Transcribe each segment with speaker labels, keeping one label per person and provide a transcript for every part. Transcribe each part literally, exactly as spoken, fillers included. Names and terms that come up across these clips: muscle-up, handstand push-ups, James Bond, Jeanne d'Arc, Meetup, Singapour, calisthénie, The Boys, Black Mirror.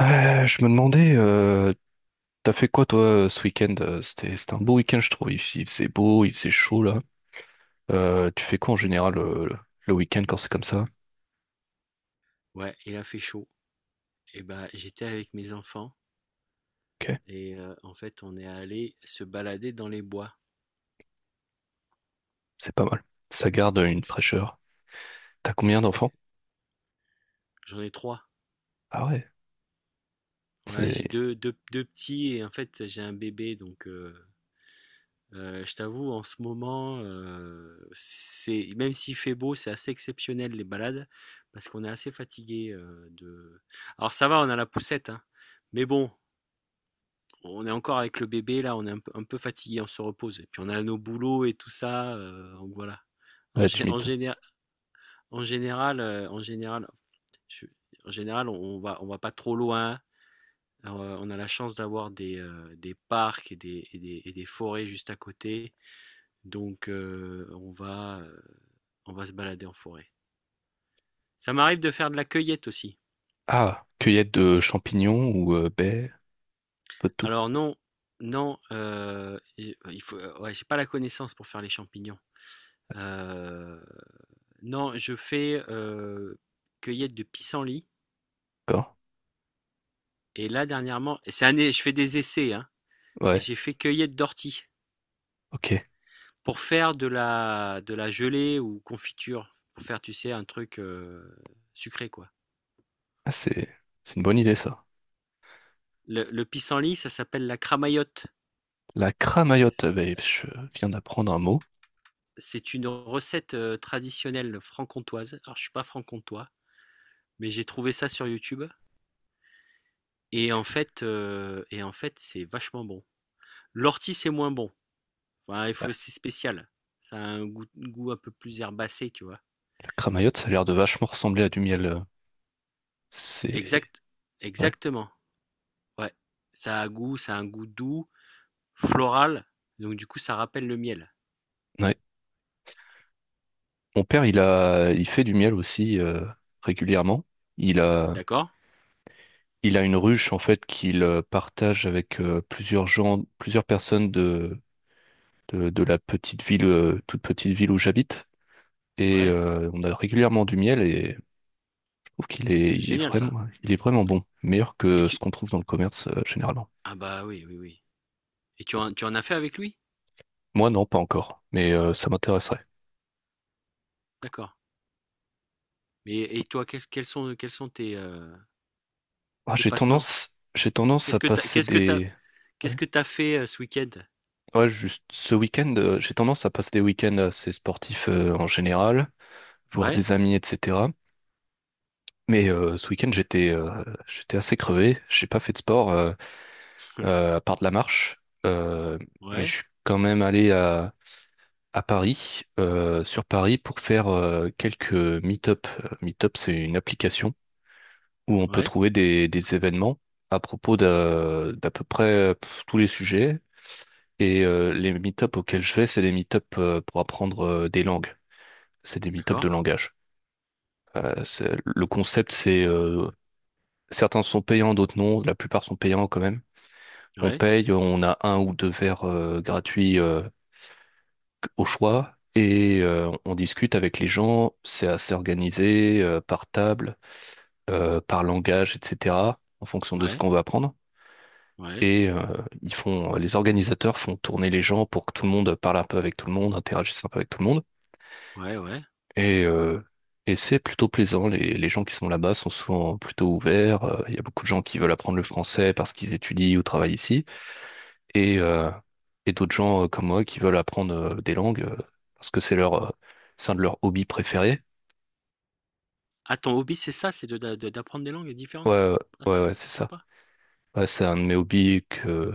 Speaker 1: Euh, je me demandais, euh, t'as fait quoi toi euh, ce week-end? euh, C'était, c'était un beau week-end, je trouve. Il, f- il faisait beau, il faisait chaud là. Euh, tu fais quoi en général euh, le, le week-end quand c'est comme ça?
Speaker 2: Ouais, il a fait chaud. Et ben, j'étais avec mes enfants
Speaker 1: Ok,
Speaker 2: et euh, en fait, on est allé se balader dans les bois.
Speaker 1: c'est pas mal. Ça garde une fraîcheur. T'as combien d'enfants?
Speaker 2: J'en ai trois.
Speaker 1: Ah ouais,
Speaker 2: Ouais, j'ai
Speaker 1: c'est.
Speaker 2: deux, deux, deux petits et en fait, j'ai un bébé. Donc, euh, euh, je t'avoue, en ce moment, euh, c'est, même s'il fait beau, c'est assez exceptionnel les balades parce qu'on est assez fatigué euh, de. Alors, ça va, on a la poussette, hein, mais bon. On est encore avec le bébé, là, on est un peu, un peu fatigué, on se repose. Et puis on a nos boulots et tout ça, euh, donc voilà. En,
Speaker 1: Ouais,
Speaker 2: gé-
Speaker 1: tu
Speaker 2: en
Speaker 1: m'étonnes.
Speaker 2: général, En général, heu, en général, je en général, on on va on va pas trop loin. Alors, heu, on a la chance d'avoir des, heu, des parcs et des et des et des forêts juste à côté. Donc, heu, on va, heu, on va se balader en forêt. Ça m'arrive de faire de la cueillette aussi.
Speaker 1: Ah, cueillette de champignons ou euh, baies, peu de tout.
Speaker 2: Alors non, non, heu, et il faut ouais, j'ai pas la connaissance pour faire les champignons. Heu, non, je fais, heu, cueillette de pissenlit.
Speaker 1: D'accord?
Speaker 2: Et là dernièrement c'est un é je fais des essais, hein. Et
Speaker 1: Ouais,
Speaker 2: j'ai fait cueillette d'ortie
Speaker 1: ok.
Speaker 2: pour faire de la, de la gelée ou confiture, pour faire, tu sais, un truc euh, sucré, quoi.
Speaker 1: Ah, c'est, c'est une bonne idée ça.
Speaker 2: Le, le pissenlit, ça s'appelle la cramaillotte.
Speaker 1: La cramayotte, euh, ben, je viens d'apprendre un mot.
Speaker 2: C'est une recette euh, traditionnelle franc-comtoise. Alors, je suis pas franc-comtois, mais j'ai trouvé ça sur YouTube. Et en fait, euh, et en fait, c'est vachement bon. L'ortie, c'est moins bon. Enfin, il
Speaker 1: Ouais,
Speaker 2: faut, c'est spécial. Ça a un goût, goût un peu plus herbacé, tu vois.
Speaker 1: la cramayotte, ça a l'air de vachement ressembler à du miel. euh, C'est.
Speaker 2: Exact,
Speaker 1: Ouais.
Speaker 2: exactement. Ouais. Ça a un goût, ça a un goût doux, floral, donc du coup, ça rappelle le miel.
Speaker 1: Ouais. Mon père, il a, il fait du miel aussi euh, régulièrement. Il a,
Speaker 2: D'accord?
Speaker 1: il a une ruche en fait qu'il euh, partage avec euh, plusieurs gens, plusieurs personnes de, de, de la petite ville, euh, toute petite ville où j'habite. Et
Speaker 2: Ouais,
Speaker 1: euh, on a régulièrement du miel et je trouve qu'il est,
Speaker 2: c'est
Speaker 1: il est
Speaker 2: génial ça.
Speaker 1: vraiment, il est vraiment bon, meilleur
Speaker 2: Et
Speaker 1: que ce
Speaker 2: tu...
Speaker 1: qu'on trouve dans le commerce euh, généralement.
Speaker 2: Ah bah oui, oui, oui. Et tu en, tu en as fait avec lui?
Speaker 1: Moi, non, pas encore, mais euh, ça m'intéresserait.
Speaker 2: D'accord. Mais et toi, quels, quels sont, quels sont tes, euh,
Speaker 1: Ah,
Speaker 2: tes
Speaker 1: j'ai
Speaker 2: passe-temps?
Speaker 1: tendance, j'ai tendance
Speaker 2: Qu'est-ce
Speaker 1: à
Speaker 2: que t'as,
Speaker 1: passer
Speaker 2: qu'est-ce que t'as,
Speaker 1: des,
Speaker 2: Qu'est-ce
Speaker 1: Ouais,
Speaker 2: que t'as fait euh, ce week-end?
Speaker 1: ouais, juste ce week-end, euh, j'ai tendance à passer des week-ends assez sportifs euh, en général, voir
Speaker 2: Ouais,
Speaker 1: des amis, et cetera. Mais euh, ce week-end, j'étais euh, j'étais assez crevé. J'ai pas fait de sport euh, euh, à part de la marche, Euh, mais je
Speaker 2: ouais,
Speaker 1: suis quand même allé à, à Paris, euh, sur Paris, pour faire euh, quelques meet-up. Euh, Meetup, c'est une application où on peut
Speaker 2: ouais,
Speaker 1: trouver des, des événements à propos d'à d'à peu près euh, pff, tous les sujets. Et euh, les meet-up auxquels je vais, c'est des meet-up euh, pour apprendre euh, des langues. C'est des meet-ups
Speaker 2: d'accord.
Speaker 1: de langage. Euh, c'est- le concept, c'est euh, certains sont payants, d'autres non. La plupart sont payants quand même. On
Speaker 2: Ouais,
Speaker 1: paye, on a un ou deux verres euh, gratuits euh, au choix et euh, on discute avec les gens. C'est assez organisé euh, par table, euh, par langage, et cetera. En fonction de ce
Speaker 2: ouais,
Speaker 1: qu'on veut apprendre.
Speaker 2: ouais,
Speaker 1: Et euh, ils font, les organisateurs font tourner les gens pour que tout le monde parle un peu avec tout le monde, interagisse un peu avec tout le monde.
Speaker 2: ouais, ouais.
Speaker 1: Et, euh, et c'est plutôt plaisant. Les, les gens qui sont là-bas sont souvent plutôt ouverts. Euh, Il y a beaucoup de gens qui veulent apprendre le français parce qu'ils étudient ou travaillent ici. Et, euh, et d'autres gens euh, comme moi qui veulent apprendre euh, des langues euh, parce que c'est leur, euh, c'est un de leurs hobbies préférés.
Speaker 2: Ah, ton hobby, c'est ça, c'est de, de- d'apprendre des langues
Speaker 1: Ouais,
Speaker 2: différentes.
Speaker 1: ouais,
Speaker 2: Ah,
Speaker 1: ouais,
Speaker 2: c'est sy-
Speaker 1: ouais, c'est ça.
Speaker 2: sympa.
Speaker 1: Ouais, c'est un de mes hobbies que,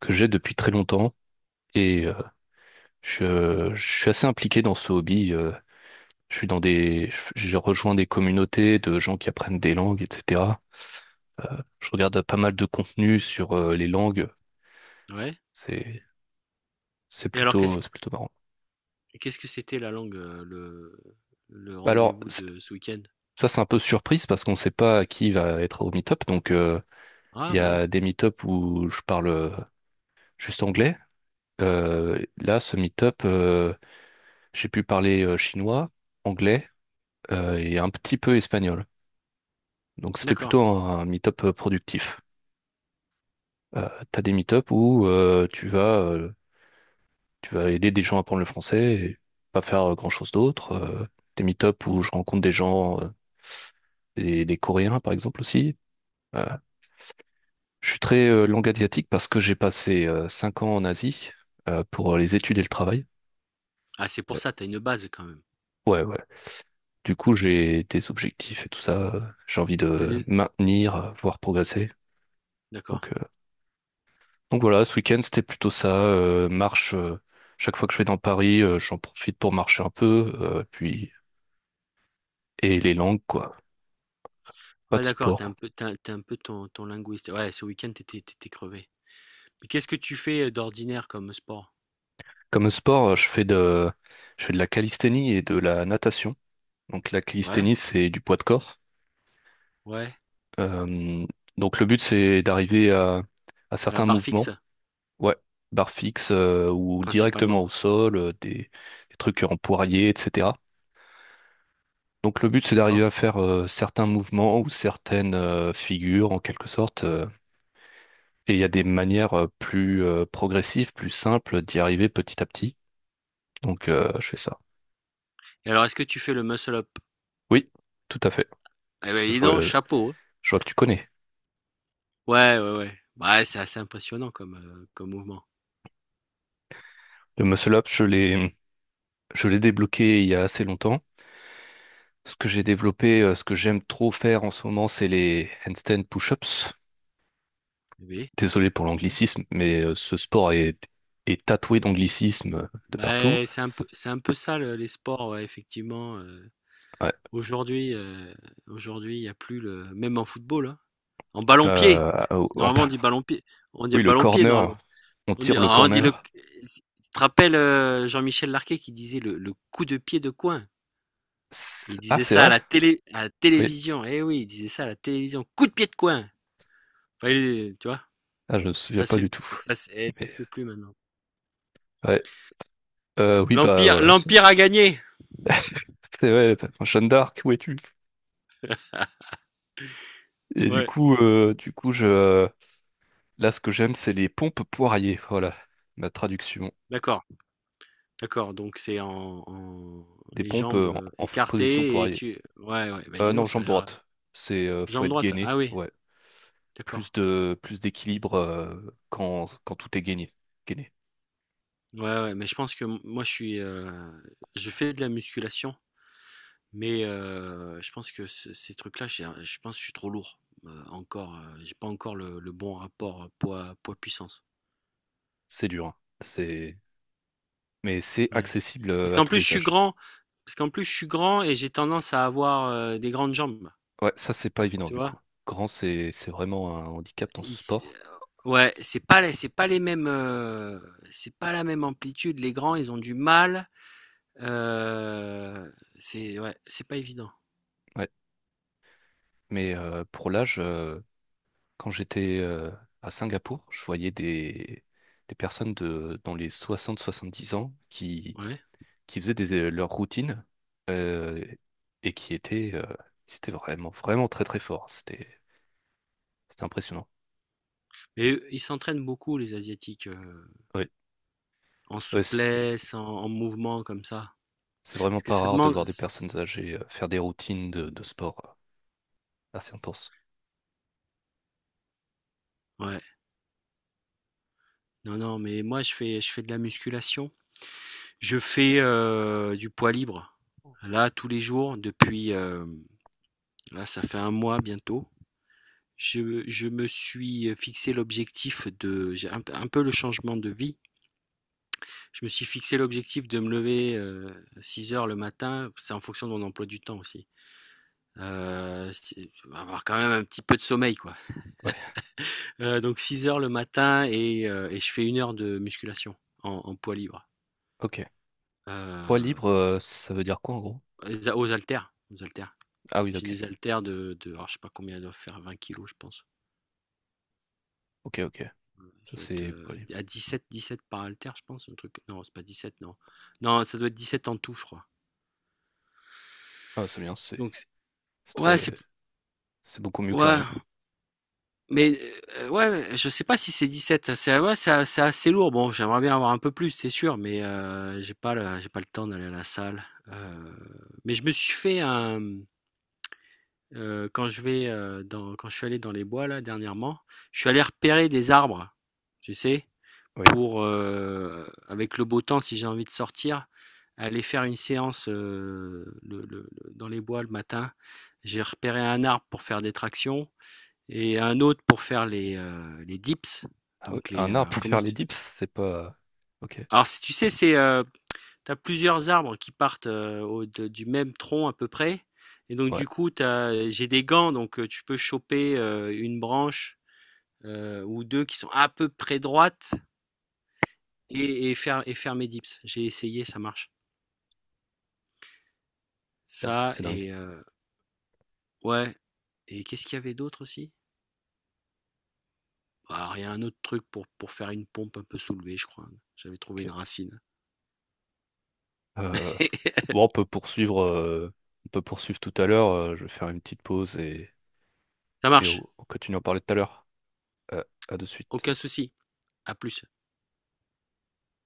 Speaker 1: que j'ai depuis très longtemps. Et euh, je, je suis assez impliqué dans ce hobby. Euh, je suis dans des, je- J'ai rejoint des communautés de gens qui apprennent des langues, et cetera Je regarde pas mal de contenu sur euh, les langues.
Speaker 2: Ouais.
Speaker 1: C'est, c'est
Speaker 2: Et alors, qu'est-ce,
Speaker 1: plutôt, c'est plutôt marrant.
Speaker 2: qu'est-ce que c'était la langue, euh, le, le
Speaker 1: Bah, alors,
Speaker 2: rendez-vous
Speaker 1: c'est-
Speaker 2: de ce week-end?
Speaker 1: ça, c'est un peu surprise parce qu'on ne sait pas qui va être au meet-up. Donc, euh, il
Speaker 2: Ah
Speaker 1: y
Speaker 2: bon,
Speaker 1: a des meet-up où je parle euh, juste anglais. Euh, là, ce meet-up, euh, j'ai pu parler euh, chinois, anglais euh, et un petit peu espagnol. Donc, c'était plutôt
Speaker 2: d'accord.
Speaker 1: un, un meet-up euh, productif. Euh, T'as des meet-up où euh, tu vas euh, tu vas aider des gens à apprendre le français et pas faire euh, grand-chose d'autre. Euh, des meet-up où je rencontre des gens, euh, des, des Coréens par exemple aussi. Euh, je suis très euh, langue asiatique parce que j'ai passé euh, cinq ans en Asie euh, pour euh, les études et le travail.
Speaker 2: Ah, c'est pour
Speaker 1: Euh,
Speaker 2: ça, t'as une base quand même.
Speaker 1: ouais, ouais. Du coup, j'ai des objectifs et tout ça. euh, J'ai envie
Speaker 2: T'as
Speaker 1: de
Speaker 2: des
Speaker 1: maintenir, euh, voire progresser.
Speaker 2: d'accord.
Speaker 1: Donc, euh, donc voilà, ce week-end, c'était plutôt ça. Euh, marche, euh, chaque fois que je vais dans Paris, euh, j'en profite pour marcher un peu. Euh, puis, et les langues, quoi. Pas
Speaker 2: Ouais,
Speaker 1: de
Speaker 2: d'accord. T'es un
Speaker 1: sport.
Speaker 2: peu t'es as tu un peu ton ton linguiste. Ouais, ce week-end, t'étais, t'étais crevé. Mais qu'est-ce que tu fais, heu, d'ordinaire comme sport?
Speaker 1: Comme sport, euh, je fais de, je fais de la calisthénie et de la natation. Donc la
Speaker 2: Ouais,
Speaker 1: calisthénie, c'est du poids de corps.
Speaker 2: ouais,
Speaker 1: Euh, donc le but, c'est d'arriver à, à
Speaker 2: à la
Speaker 1: certains
Speaker 2: barre fixe,
Speaker 1: mouvements, ouais, barre fixe euh, ou directement au
Speaker 2: principalement,
Speaker 1: sol, euh, des, des trucs en poirier, et cetera. Donc le but, c'est d'arriver
Speaker 2: d'accord.
Speaker 1: à faire euh, certains mouvements ou certaines euh, figures en quelque sorte. euh. Et il y a des manières euh, plus euh, progressives, plus simples d'y arriver petit à petit. Donc euh, je fais ça.
Speaker 2: Et alors, est-ce que tu fais le muscle up?
Speaker 1: Oui, tout à fait.
Speaker 2: Eh ben,
Speaker 1: Je
Speaker 2: dis
Speaker 1: vois,
Speaker 2: donc, chapeau, hein.
Speaker 1: je vois que tu connais.
Speaker 2: Ouais, ouais, ouais. Bah, ouais, c'est assez impressionnant comme, heu, comme mouvement.
Speaker 1: Le muscle-up, je l'ai, je l'ai débloqué il y a assez longtemps. Ce que j'ai développé, euh, ce que j'aime trop faire en ce moment, c'est les handstand push-ups.
Speaker 2: Oui,
Speaker 1: Désolé pour
Speaker 2: ouais.
Speaker 1: l'anglicisme, mais euh, ce sport est, est tatoué d'anglicisme de partout.
Speaker 2: Bah, c'est un peu c'est un peu ça le les sports, ouais, effectivement, heu,
Speaker 1: Ouais.
Speaker 2: aujourd'hui, heu, aujourd'hui, il y a plus le même en football, hein. En ballon-pied.
Speaker 1: Euh, en
Speaker 2: Normalement, on
Speaker 1: parlant-
Speaker 2: dit ballon-pied. On dit
Speaker 1: Oui, le
Speaker 2: ballon-pied,
Speaker 1: corner,
Speaker 2: normalement.
Speaker 1: on
Speaker 2: On dit,
Speaker 1: tire le
Speaker 2: ah, on dit le.
Speaker 1: corner.
Speaker 2: Tu te rappelles euh, Jean-Michel Larquet qui disait le, le coup de pied de coin.
Speaker 1: C'est-
Speaker 2: Il
Speaker 1: Ah,
Speaker 2: disait
Speaker 1: c'est
Speaker 2: ça à
Speaker 1: vrai?
Speaker 2: la télé, à la
Speaker 1: Oui.
Speaker 2: télévision. Eh oui, il disait ça à la télévision. Coup de pied de coin. Enfin, il- tu vois,
Speaker 1: Ah, je ne me souviens
Speaker 2: ça se
Speaker 1: pas
Speaker 2: fait,
Speaker 1: du tout.
Speaker 2: et ça, se- et ça
Speaker 1: Mais
Speaker 2: se fait plus maintenant.
Speaker 1: ouais. Euh, oui, bah
Speaker 2: L'empire,
Speaker 1: voilà. C'est
Speaker 2: l'empire a gagné.
Speaker 1: c'est vrai. Enfin, Jeanne d'Arc, où es-tu? Et du
Speaker 2: Ouais.
Speaker 1: coup, euh, du coup, je, Là, ce que j'aime, c'est les pompes poirier. Voilà, ma traduction.
Speaker 2: D'accord, d'accord. Donc c'est en, en-
Speaker 1: Des
Speaker 2: les
Speaker 1: pompes
Speaker 2: jambes
Speaker 1: euh, en,
Speaker 2: euh,
Speaker 1: en f- position
Speaker 2: écartées et
Speaker 1: poirier.
Speaker 2: tu. Ouais, ouais. Bah
Speaker 1: Euh,
Speaker 2: dis
Speaker 1: non,
Speaker 2: donc, ça a
Speaker 1: jambe
Speaker 2: l'air.
Speaker 1: droite. C'est euh, Faut
Speaker 2: Jambe
Speaker 1: être
Speaker 2: droite.
Speaker 1: gainé.
Speaker 2: Ah oui,
Speaker 1: Ouais.
Speaker 2: d'accord.
Speaker 1: Plus de plus d'équilibre euh, quand, quand tout est gainé. Gainé.
Speaker 2: Ouais, ouais, mais je pense que m moi je suis, heu, je fais de la musculation, mais heu, je pense que ce ces trucs-là, j'ai un je pense que je suis trop lourd, heu, encore, heu, j'ai pas encore le le bon rapport, heu, poids poids puissance.
Speaker 1: C'est dur, hein. C'est Mais c'est
Speaker 2: Ouais.
Speaker 1: accessible
Speaker 2: Parce
Speaker 1: euh, à
Speaker 2: qu'en
Speaker 1: tous
Speaker 2: plus je
Speaker 1: les
Speaker 2: suis
Speaker 1: âges.
Speaker 2: grand parce qu'en plus je suis grand et j'ai tendance à avoir, heu, des grandes jambes,
Speaker 1: Ouais, ça c'est pas évident
Speaker 2: tu
Speaker 1: du
Speaker 2: vois?
Speaker 1: coup. Grand, c'est c'est vraiment un handicap dans ce
Speaker 2: Il s heu,
Speaker 1: sport.
Speaker 2: ouais, c'est pas les c'est pas les mêmes, heu, c'est pas la même amplitude. Les grands, ils ont du mal, heu, c'est ouais, c'est pas évident.
Speaker 1: Ouais. Mais euh, pour l'âge, euh, quand j'étais euh, à Singapour, je voyais des des personnes de dans les soixante soixante-dix ans qui
Speaker 2: Ouais.
Speaker 1: qui faisaient des, euh, leur routine euh, et qui étaient, euh, c'était vraiment, vraiment très très fort. C'était, c'était impressionnant.
Speaker 2: Et ils s'entraînent beaucoup, les Asiatiques, heu,
Speaker 1: Oui,
Speaker 2: en
Speaker 1: ouais, c'est,
Speaker 2: souplesse, en en mouvement comme ça.
Speaker 1: c'est vraiment
Speaker 2: Parce que
Speaker 1: pas
Speaker 2: ça
Speaker 1: rare de
Speaker 2: demande
Speaker 1: voir des personnes âgées euh, faire des routines de, de sport euh, assez intenses.
Speaker 2: ouais. Non, non, mais moi, je fais je fais de la musculation. Je fais, heu, du poids libre. Là, tous les jours depuis, hem, là, ça fait un mois bientôt. Je je me suis fixé l'objectif de j'ai un un peu le changement de vie. Je me suis fixé l'objectif de me lever, euh, six heures le matin. C'est en fonction de mon emploi du temps aussi. Heu, si avoir quand même un petit peu de sommeil, quoi.
Speaker 1: Ouais,
Speaker 2: Heu, donc six heures le matin et heu et je fais une heure de musculation en en poids libre.
Speaker 1: ok. Poids libre,
Speaker 2: Heu,
Speaker 1: euh, ça veut dire quoi en gros?
Speaker 2: aux aux haltères, aux haltères.
Speaker 1: Ah oui,
Speaker 2: J'ai
Speaker 1: ok,
Speaker 2: des haltères de de alors je sais pas combien elles doivent faire, vingt kilos je pense.
Speaker 1: ok, ok.
Speaker 2: Je
Speaker 1: Ça
Speaker 2: dois être,
Speaker 1: c'est poids
Speaker 2: heu,
Speaker 1: libre.
Speaker 2: à dix-sept dix-sept par haltère je pense, un truc non c'est pas dix-sept, non. Non ça doit être dix-sept en tout je crois.
Speaker 1: Ah, c'est bien, c'est
Speaker 2: Donc c'est
Speaker 1: c'est
Speaker 2: ouais c'est
Speaker 1: très, c'est beaucoup mieux que
Speaker 2: ouais.
Speaker 1: rien.
Speaker 2: Mais, heu, ouais, je sais pas si c'est dix-sept, c'est ouais, c'est c'est assez lourd. Bon, j'aimerais bien avoir un peu plus, c'est sûr, mais, heu, j'ai pas le j'ai pas le temps d'aller à la salle. Heu, mais je me suis fait un, mmh, quand je vais, heu, dans quand je suis allé dans les bois là dernièrement, je suis allé repérer des arbres, tu sais?
Speaker 1: Oui.
Speaker 2: Pour, heu, avec le beau temps, si j'ai envie de sortir, aller faire une séance, heu, le le le dans les bois le matin. J'ai repéré un arbre pour faire des tractions et un autre pour faire les, euh, les dips.
Speaker 1: Ah oui,
Speaker 2: Donc les
Speaker 1: un
Speaker 2: euh,
Speaker 1: art pour
Speaker 2: comment
Speaker 1: faire les
Speaker 2: tu...
Speaker 1: dips, c'est pas. Ok,
Speaker 2: Alors si tu sais c'est euh, t'as plusieurs arbres qui partent euh, au- de- du même tronc à peu près et donc
Speaker 1: ouais,
Speaker 2: du coup t'as j'ai des gants donc euh, tu peux choper euh, une branche euh, ou deux qui sont à peu près droites et, et faire et faire mes dips. J'ai essayé ça marche.
Speaker 1: dingue,
Speaker 2: Ça
Speaker 1: c'est dingue.
Speaker 2: et euh, ouais et qu'est-ce qu'il y avait d'autre aussi? Alors il y a un autre truc pour pour faire une pompe un peu soulevée je crois. J'avais trouvé
Speaker 1: Ok.
Speaker 2: une racine.
Speaker 1: Euh, Bon, on peut poursuivre, euh, on peut poursuivre tout à l'heure. Euh, je vais faire une petite pause et,
Speaker 2: Ça
Speaker 1: et
Speaker 2: marche.
Speaker 1: on on continue à en parler tout à l'heure. Euh, à de
Speaker 2: Aucun
Speaker 1: suite.
Speaker 2: souci, à plus.